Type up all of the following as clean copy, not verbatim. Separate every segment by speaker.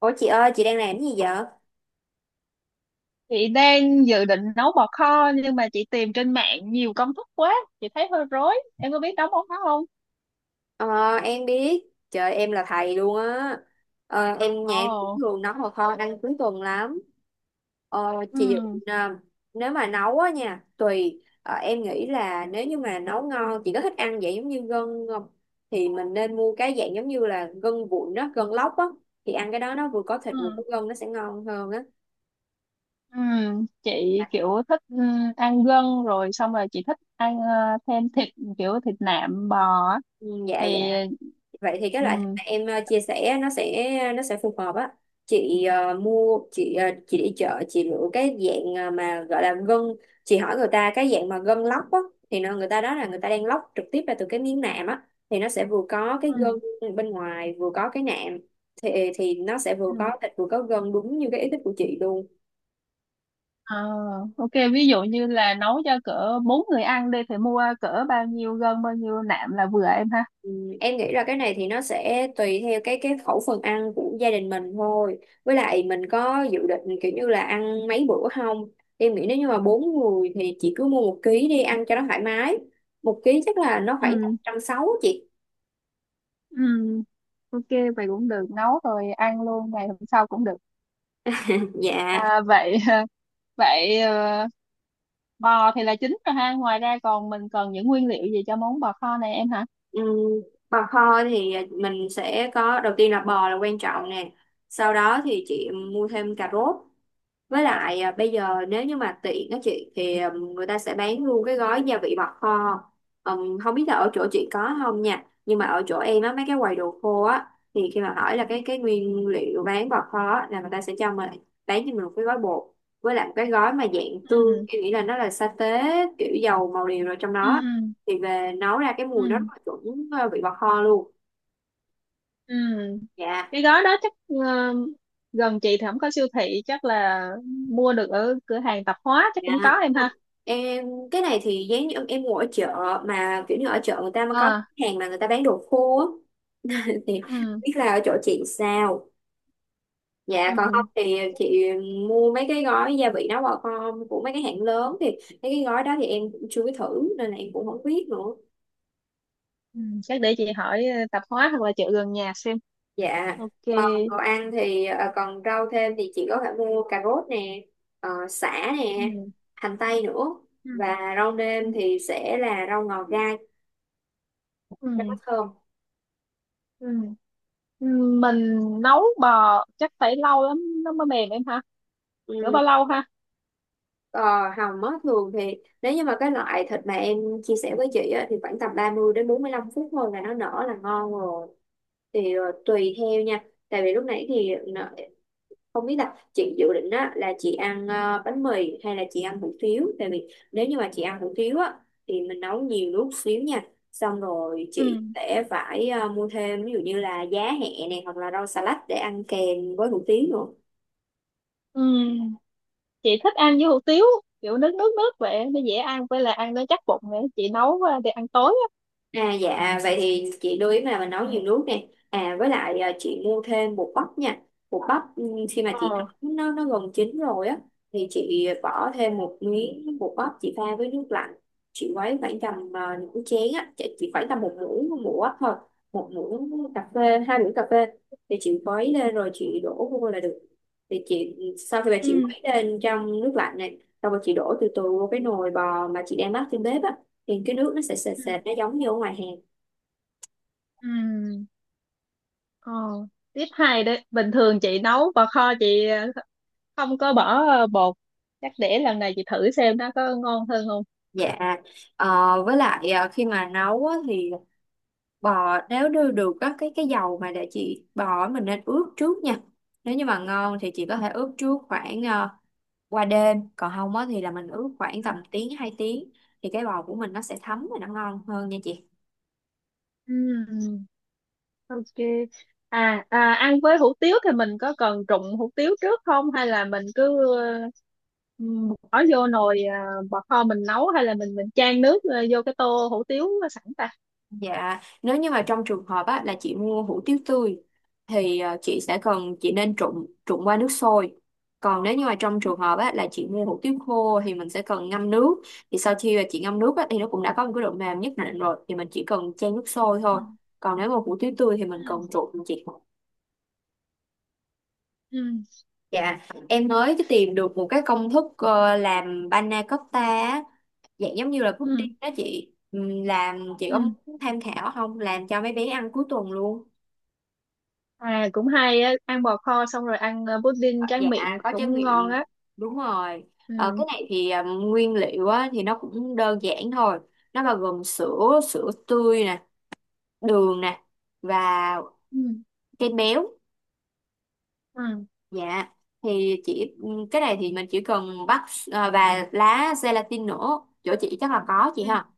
Speaker 1: Ủa chị ơi, chị đang làm cái gì vậy?
Speaker 2: Chị đang dự định nấu bò kho nhưng mà chị tìm trên mạng nhiều công thức quá, chị thấy hơi rối. Em có biết nấu bò kho không?
Speaker 1: Ờ, em biết. Trời, em là thầy luôn á. Em nhà em cũng
Speaker 2: Ồ,
Speaker 1: thường nấu hồ kho ăn cuối tuần lắm. Ờ,
Speaker 2: ừ,
Speaker 1: chị ờ, Nếu mà nấu á nha, tùy. Ờ, em nghĩ là nếu như mà nấu ngon, chị có thích ăn vậy giống như gân không? Thì mình nên mua cái dạng giống như là gân vụn đó, gân lóc á. Thì ăn cái đó nó vừa có thịt vừa có
Speaker 2: ừ,
Speaker 1: gân nó sẽ ngon hơn á.
Speaker 2: ừ. Chị kiểu thích ăn gân rồi xong rồi chị thích ăn thêm thịt kiểu thịt nạm bò á.
Speaker 1: Ừ, dạ
Speaker 2: Thì
Speaker 1: dạ. Vậy thì cái loại thịt
Speaker 2: ừ,
Speaker 1: mà em chia sẻ nó sẽ phù hợp á, chị chị đi chợ chị lựa cái dạng mà gọi là gân, chị hỏi người ta cái dạng mà gân lóc á, thì nó người ta đó là người ta đang lóc trực tiếp ra từ cái miếng nạm á, thì nó sẽ vừa có cái
Speaker 2: ừ,
Speaker 1: gân bên ngoài vừa có cái nạm, thì nó sẽ
Speaker 2: ừ.
Speaker 1: vừa có thịt vừa có gân đúng như cái ý thích của chị luôn.
Speaker 2: Ờ, ok, ví dụ như là nấu cho cỡ bốn người ăn đi thì mua cỡ bao nhiêu gân bao nhiêu nạm là vừa em ha.
Speaker 1: Ừ, em nghĩ là cái này thì nó sẽ tùy theo cái khẩu phần ăn của gia đình mình thôi. Với lại mình có dự định kiểu như là ăn mấy bữa không? Em nghĩ nếu như mà bốn người thì chị cứ mua một ký đi ăn cho nó thoải mái. Một ký chắc là nó khoảng
Speaker 2: Ừ.
Speaker 1: 160 chị.
Speaker 2: Ừ, ok vậy cũng được, nấu rồi ăn luôn ngày hôm sau cũng được
Speaker 1: Dạ.
Speaker 2: à, vậy vậy bò thì là chính rồi ha, ngoài ra còn mình cần những nguyên liệu gì cho món bò kho này em hả.
Speaker 1: ừm, Bò kho thì mình sẽ có đầu tiên là bò là quan trọng nè. Sau đó thì chị mua thêm cà rốt. Với lại à, bây giờ nếu như mà tiện á chị thì người ta sẽ bán luôn cái gói gia vị bọt kho. Không biết là ở chỗ chị có không nha. Nhưng mà ở chỗ em á mấy cái quầy đồ khô á thì khi mà hỏi là cái nguyên liệu bán bọt kho á, là người ta sẽ cho mình bán cho mình một cái gói bột, với lại một cái gói mà dạng tương
Speaker 2: Ừ,
Speaker 1: em nghĩ là nó là sa tế, kiểu dầu màu điều rồi trong đó,
Speaker 2: ừ,
Speaker 1: thì về nấu ra cái mùi nó rất
Speaker 2: ừ,
Speaker 1: là chuẩn vị bọt kho luôn.
Speaker 2: ừ.
Speaker 1: Dạ.
Speaker 2: Cái gói đó chắc gần chị thì không có siêu thị, chắc là mua được ở cửa hàng tạp hóa chắc
Speaker 1: Dạ.
Speaker 2: cũng có em ha.
Speaker 1: Em cái này thì giống như em ngồi ở chợ, mà kiểu như ở chợ người ta mà có
Speaker 2: À,
Speaker 1: hàng mà người ta bán đồ khô á, thì
Speaker 2: ừ,
Speaker 1: biết là ở chỗ chị sao. Dạ còn
Speaker 2: ừ,
Speaker 1: không thì chị mua mấy cái gói gia vị nấu bò con của mấy cái hãng lớn, thì mấy cái gói đó thì em cũng chưa có thử nên là em cũng không biết nữa.
Speaker 2: ừ. Chắc để chị hỏi tạp hóa hoặc là chợ gần nhà xem.
Speaker 1: Dạ.
Speaker 2: Ok.
Speaker 1: Còn đồ ăn thì còn rau thêm thì chị có thể mua cà rốt nè, sả nè,
Speaker 2: Ừ,
Speaker 1: hành tây nữa,
Speaker 2: ừ,
Speaker 1: và rau nêm thì sẽ là rau ngò gai cho nó
Speaker 2: ừ,
Speaker 1: thơm.
Speaker 2: ừ. Ừ, mình nấu bò chắc phải lâu lắm nó mới mềm em ha, rửa
Speaker 1: Ừ.
Speaker 2: bao lâu ha.
Speaker 1: Ờ, Hầm á, thường thì nếu như mà cái loại thịt mà em chia sẻ với chị á, thì khoảng tầm 30 đến 45 phút thôi là nó nở là ngon rồi, thì tùy theo nha, tại vì lúc nãy thì không biết là chị dự định á, là chị ăn bánh mì hay là chị ăn hủ tiếu, tại vì nếu như mà chị ăn hủ tiếu á, thì mình nấu nhiều nước xíu nha, xong rồi
Speaker 2: Ừ,
Speaker 1: chị sẽ phải mua thêm ví dụ như là giá hẹ này hoặc là rau xà lách để ăn kèm với hủ tiếu nữa.
Speaker 2: ừ, chị thích ăn với hủ tiếu kiểu nước nước nước vậy nó dễ ăn, với là ăn nó chắc bụng nữa, chị nấu để ăn tối á.
Speaker 1: À dạ vậy thì chị lưu ý là mình nấu nhiều nước nè, à với lại à, chị mua thêm bột bắp nha. Bột bắp khi mà chị
Speaker 2: Ờ,
Speaker 1: nấu nó gần chín rồi á, thì chị bỏ thêm một miếng bột bắp chị pha với nước lạnh, chị quấy khoảng tầm à, nửa chén á chị khoảng tầm một muỗng bắp thôi, một muỗng cà phê hai muỗng cà phê, thì chị quấy lên rồi chị đổ vô là được. Thì chị sau khi mà chị
Speaker 2: ừ,
Speaker 1: quấy lên trong nước lạnh này xong rồi chị đổ từ từ vô cái nồi bò mà chị đang bắt trên bếp á, thì cái nước nó sẽ sệt
Speaker 2: ừ,
Speaker 1: sệt nó giống như ở ngoài hàng.
Speaker 2: ừ. Ờ, Tiếp hai đấy, bình thường chị nấu bò kho chị không có bỏ bột, chắc để lần này chị thử xem nó có ngon hơn không.
Speaker 1: Dạ, với lại khi mà nấu á, thì bò nếu đưa được á, cái dầu mà để chị bò á, mình nên ướp trước nha. Nếu như mà ngon thì chị có thể ướp trước khoảng qua đêm, còn không á, thì là mình ướp khoảng tầm tiếng 2 tiếng, thì cái bò của mình nó sẽ thấm và nó ngon hơn nha chị.
Speaker 2: Ừ, ừ. Ok. À, ăn với hủ tiếu thì mình có cần trụng hủ tiếu trước không, hay là mình cứ bỏ vô nồi bò kho mình nấu, hay là mình chan nước vô cái tô hủ tiếu sẵn ta?
Speaker 1: Dạ, nếu như mà trong trường hợp á, là chị mua hủ tiếu tươi thì chị sẽ cần chị nên trụng trụng qua nước sôi. Còn nếu như mà trong
Speaker 2: Ừ,
Speaker 1: trường hợp á, là chị mua hủ tiếu khô thì mình sẽ cần ngâm nước. Thì sau khi mà chị ngâm nước á, thì nó cũng đã có một cái độ mềm nhất định rồi thì mình chỉ cần chan nước sôi
Speaker 2: ừ,
Speaker 1: thôi. Còn nếu mà hủ tiếu tươi thì mình cần trụng chị.
Speaker 2: ừ,
Speaker 1: Dạ, em mới tìm được một cái công thức làm panna cotta á, dạng giống như là
Speaker 2: ừ, ừ,
Speaker 1: pudding đó chị. Làm chị có
Speaker 2: ừ.
Speaker 1: muốn tham khảo không? Làm cho mấy bé ăn cuối tuần luôn.
Speaker 2: À cũng hay á, ăn bò kho xong rồi ăn pudding
Speaker 1: Dạ
Speaker 2: tráng miệng
Speaker 1: có tráng
Speaker 2: cũng ngon
Speaker 1: miệng
Speaker 2: á.
Speaker 1: đúng rồi.
Speaker 2: Ừ.
Speaker 1: Cái này thì à, nguyên liệu á, thì nó cũng đơn giản thôi, nó bao gồm sữa sữa tươi nè, đường nè, và
Speaker 2: Ừ.
Speaker 1: kem béo.
Speaker 2: Ừ.
Speaker 1: Dạ thì chỉ cái này thì mình chỉ cần bắt, à, và lá gelatin nữa chỗ chị chắc là có chị
Speaker 2: Ừ.
Speaker 1: ha.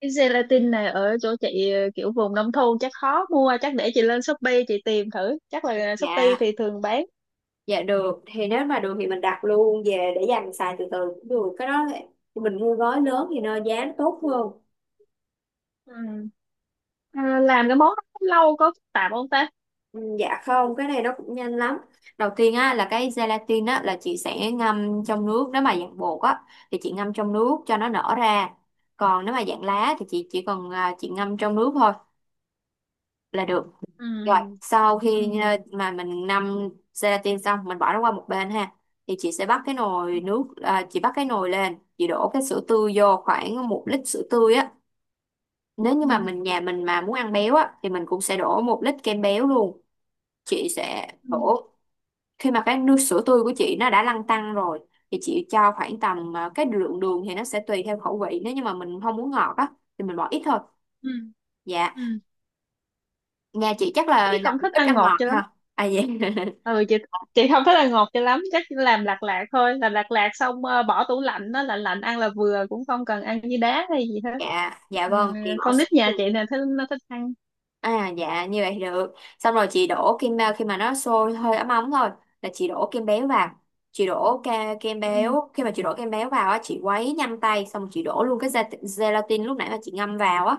Speaker 2: Cái gelatin này ở chỗ chị kiểu vùng nông thôn chắc khó mua, chắc để chị lên Shopee chị tìm thử, chắc là Shopee
Speaker 1: Dạ
Speaker 2: thì thường bán.
Speaker 1: dạ được, thì nếu mà được thì mình đặt luôn về để dành xài từ từ cũng được, cái đó thì mình mua gói lớn thì nó giá nó tốt hơn.
Speaker 2: Ừ. À, làm cái món đó cũng lâu, có phức tạp không ta?
Speaker 1: Ừ, dạ không, cái này nó cũng nhanh lắm. Đầu tiên á là cái gelatin á là chị sẽ ngâm trong nước, nếu mà dạng bột á thì chị ngâm trong nước cho nó nở ra. Còn nếu mà dạng lá thì chị chỉ cần à, chị ngâm trong nước thôi là được. Rồi,
Speaker 2: Ừ,
Speaker 1: sau khi
Speaker 2: ừ,
Speaker 1: à, mà mình ngâm gelatin xong mình bỏ nó qua một bên ha. Thì chị sẽ bắt cái nồi
Speaker 2: ừ,
Speaker 1: nước à, chị bắt cái nồi lên, chị đổ cái sữa tươi vô khoảng một lít sữa tươi á. Nếu như
Speaker 2: ừ,
Speaker 1: mà mình nhà mình mà muốn ăn béo á thì mình cũng sẽ đổ một lít kem béo luôn. Chị sẽ
Speaker 2: ừ,
Speaker 1: đổ khi mà cái nước sữa tươi của chị nó đã lăn tăn rồi, thì chị cho khoảng tầm à, cái lượng đường thì nó sẽ tùy theo khẩu vị, nếu như mà mình không muốn ngọt á thì mình bỏ ít thôi.
Speaker 2: ừ,
Speaker 1: Dạ
Speaker 2: ừ.
Speaker 1: nhà chị chắc
Speaker 2: Chị
Speaker 1: là
Speaker 2: không thích
Speaker 1: ít
Speaker 2: ăn
Speaker 1: ăn
Speaker 2: ngọt
Speaker 1: ngọt
Speaker 2: cho lắm.
Speaker 1: ha à dạ.
Speaker 2: Ừ, chị không thích ăn ngọt cho lắm, chắc chỉ làm lạt lạt thôi, làm lạt lạt xong bỏ tủ lạnh nó lạnh lạnh ăn là vừa, cũng không cần ăn với đá hay gì hết.
Speaker 1: Dạ dạ
Speaker 2: Ừ,
Speaker 1: vâng chị bỏ
Speaker 2: con
Speaker 1: sữa
Speaker 2: nít nhà
Speaker 1: đường.
Speaker 2: chị nè thích, nó thích ăn.
Speaker 1: À dạ như vậy thì được, xong rồi chị đổ kem à, khi mà nó sôi hơi ấm ấm thôi là chị đổ kem béo vào, chị đổ kem
Speaker 2: Ừ,
Speaker 1: béo, khi mà chị đổ kem béo vào á chị quấy nhanh tay xong rồi chị đổ luôn cái gelatin lúc nãy mà chị ngâm vào á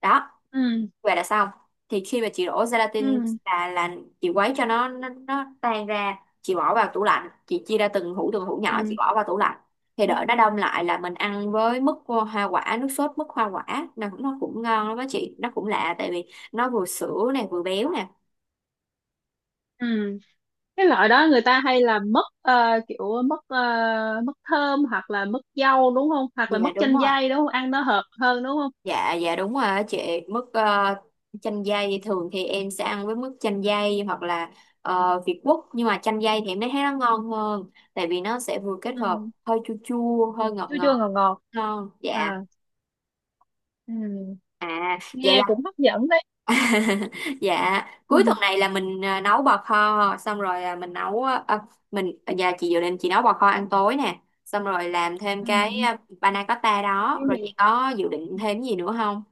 Speaker 1: đó
Speaker 2: ừ,
Speaker 1: và đã xong. Thì khi mà chị đổ gelatin
Speaker 2: ừ,
Speaker 1: là chị quấy cho nó tan ra, chị bỏ vào tủ lạnh, chị chia ra từng hũ nhỏ chị
Speaker 2: ừ,
Speaker 1: bỏ vào tủ lạnh, thì
Speaker 2: ừ,
Speaker 1: đợi nó đông lại là mình ăn với mứt hoa quả, nước sốt mứt hoa quả nó cũng ngon lắm đó chị, nó cũng lạ tại vì nó vừa sữa này vừa béo nè.
Speaker 2: ừ. Cái loại đó người ta hay là mứt kiểu mứt mứt thơm hoặc là mứt dâu đúng không, hoặc là
Speaker 1: Dạ
Speaker 2: mứt
Speaker 1: đúng
Speaker 2: chanh
Speaker 1: rồi.
Speaker 2: dây đúng không, ăn nó hợp hơn đúng không.
Speaker 1: Dạ dạ đúng rồi á chị, mức chanh dây, thường thì em sẽ ăn với mức chanh dây hoặc là Việt Quất, nhưng mà chanh dây thì em thấy nó ngon hơn tại vì nó sẽ vừa kết hợp
Speaker 2: Ừ,
Speaker 1: hơi chua chua hơi ngọt
Speaker 2: chua chua
Speaker 1: ngọt
Speaker 2: ngọt ngọt.
Speaker 1: ngon
Speaker 2: À,
Speaker 1: dạ.
Speaker 2: ừ.
Speaker 1: À vậy
Speaker 2: Nghe
Speaker 1: là
Speaker 2: cũng hấp dẫn đấy.
Speaker 1: dạ
Speaker 2: Ừ.
Speaker 1: cuối tuần này là mình nấu bò kho xong rồi là mình nấu ờ, ờ, mình dạ chị dự định chị nấu bò kho ăn tối nè xong rồi làm thêm cái
Speaker 2: Ừ.
Speaker 1: panna cotta đó,
Speaker 2: Em
Speaker 1: rồi chị
Speaker 2: thì
Speaker 1: có dự định thêm gì nữa không.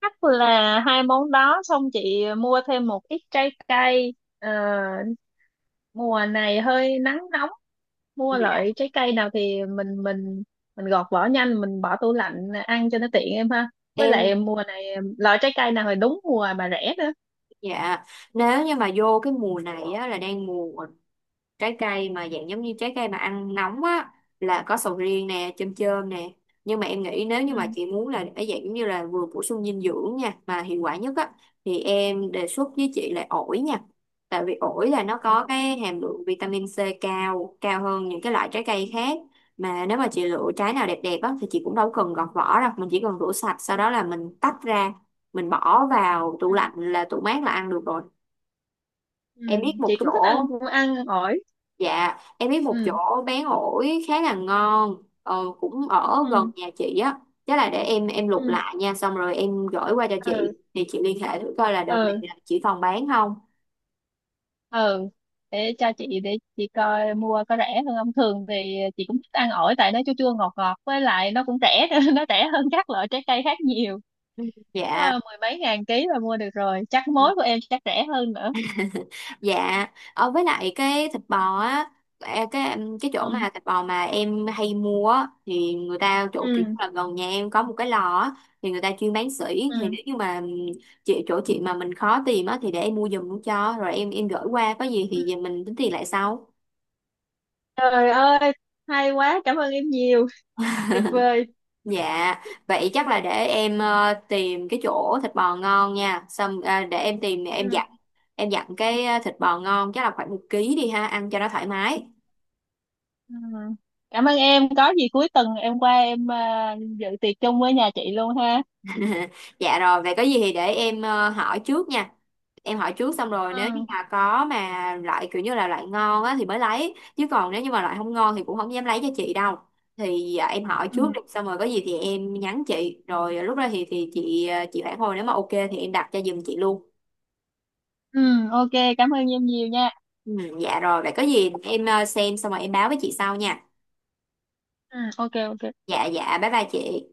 Speaker 2: chắc là hai món đó, xong chị mua thêm một ít trái cây. Ờ, Mùa này hơi nắng nóng, mua
Speaker 1: Dạ.
Speaker 2: loại trái cây nào thì mình gọt vỏ nhanh, mình bỏ tủ lạnh ăn cho nó tiện em ha, với
Speaker 1: Em
Speaker 2: lại mùa này loại trái cây nào thì đúng mùa mà rẻ nữa.
Speaker 1: dạ, nếu như mà vô cái mùa này á, là đang mùa trái cây mà dạng giống như trái cây mà ăn nóng á là có sầu riêng nè chôm chôm nè, nhưng mà em nghĩ nếu như
Speaker 2: Ừ.
Speaker 1: mà chị muốn là để dạng giống như là vừa bổ sung dinh dưỡng nha mà hiệu quả nhất á thì em đề xuất với chị là ổi nha, tại vì ổi là nó
Speaker 2: Ừ.
Speaker 1: có cái hàm lượng vitamin C cao cao hơn những cái loại trái cây khác, mà nếu mà chị lựa trái nào đẹp đẹp á thì chị cũng đâu cần gọt vỏ đâu, mình chỉ cần rửa sạch sau đó là mình tách ra, mình bỏ vào tủ
Speaker 2: Ừ.
Speaker 1: lạnh là tủ mát là ăn được rồi.
Speaker 2: Ừ.
Speaker 1: Em biết một
Speaker 2: Chị cũng thích ăn
Speaker 1: chỗ.
Speaker 2: ăn ổi.
Speaker 1: Dạ, em biết một
Speaker 2: Ừ,
Speaker 1: chỗ bán ổi khá là ngon, cũng ở gần
Speaker 2: ừ,
Speaker 1: nhà chị á. Chắc là để em lục
Speaker 2: ừ,
Speaker 1: lại nha, xong rồi em gửi qua cho chị.
Speaker 2: ừ,
Speaker 1: Thì chị liên hệ thử coi là đợt này
Speaker 2: ừ,
Speaker 1: là chị còn bán không.
Speaker 2: ừ. Để chị coi mua có rẻ hơn không, thường thì chị cũng thích ăn ổi tại nó chua chua ngọt ngọt, với lại nó cũng rẻ nữa, nó rẻ hơn các loại trái cây khác nhiều.
Speaker 1: Ừ. Dạ.
Speaker 2: Có mười mấy ngàn ký là mua được rồi, chắc mối của em chắc rẻ hơn nữa.
Speaker 1: Dạ, ở với lại cái thịt bò á, cái chỗ
Speaker 2: Ừ,
Speaker 1: mà thịt bò mà em hay mua á, thì người ta chỗ kiểu
Speaker 2: ừ,
Speaker 1: là gần nhà em có một cái lò á, thì người ta chuyên bán sỉ, thì
Speaker 2: ừ.
Speaker 1: nếu như mà chị chỗ chị mà mình khó tìm á thì để em mua giùm cho rồi em gửi qua, có gì
Speaker 2: Ừ.
Speaker 1: thì mình tính tiền lại sau.
Speaker 2: Trời ơi, hay quá, cảm ơn em nhiều, tuyệt vời.
Speaker 1: Dạ, vậy chắc là để em tìm cái chỗ thịt bò ngon nha. Xong để em tìm
Speaker 2: Ừ,
Speaker 1: em dặn cái thịt bò ngon chắc là khoảng một ký đi ha, ăn cho nó thoải mái.
Speaker 2: ừ. Cảm ơn em, có gì cuối tuần em qua em à, dự tiệc chung với nhà chị luôn ha.
Speaker 1: Dạ rồi, vậy có gì thì để em hỏi trước nha. Em hỏi trước xong rồi nếu như
Speaker 2: Ừ.
Speaker 1: mà có mà loại kiểu như là loại ngon á thì mới lấy. Chứ còn nếu như mà loại không ngon thì cũng không dám lấy cho chị đâu. Thì em hỏi
Speaker 2: Ừ.
Speaker 1: trước đi, xong rồi có gì thì em nhắn chị. Rồi lúc đó thì chị chị phản hồi nếu mà ok thì em đặt cho giùm chị luôn.
Speaker 2: Ừ, ok, cảm ơn em nhiều nha.
Speaker 1: Ừ, dạ rồi, vậy có gì em xem xong rồi em báo với chị sau nha.
Speaker 2: Ừ, ok, ok.
Speaker 1: Dạ dạ, bye bye chị.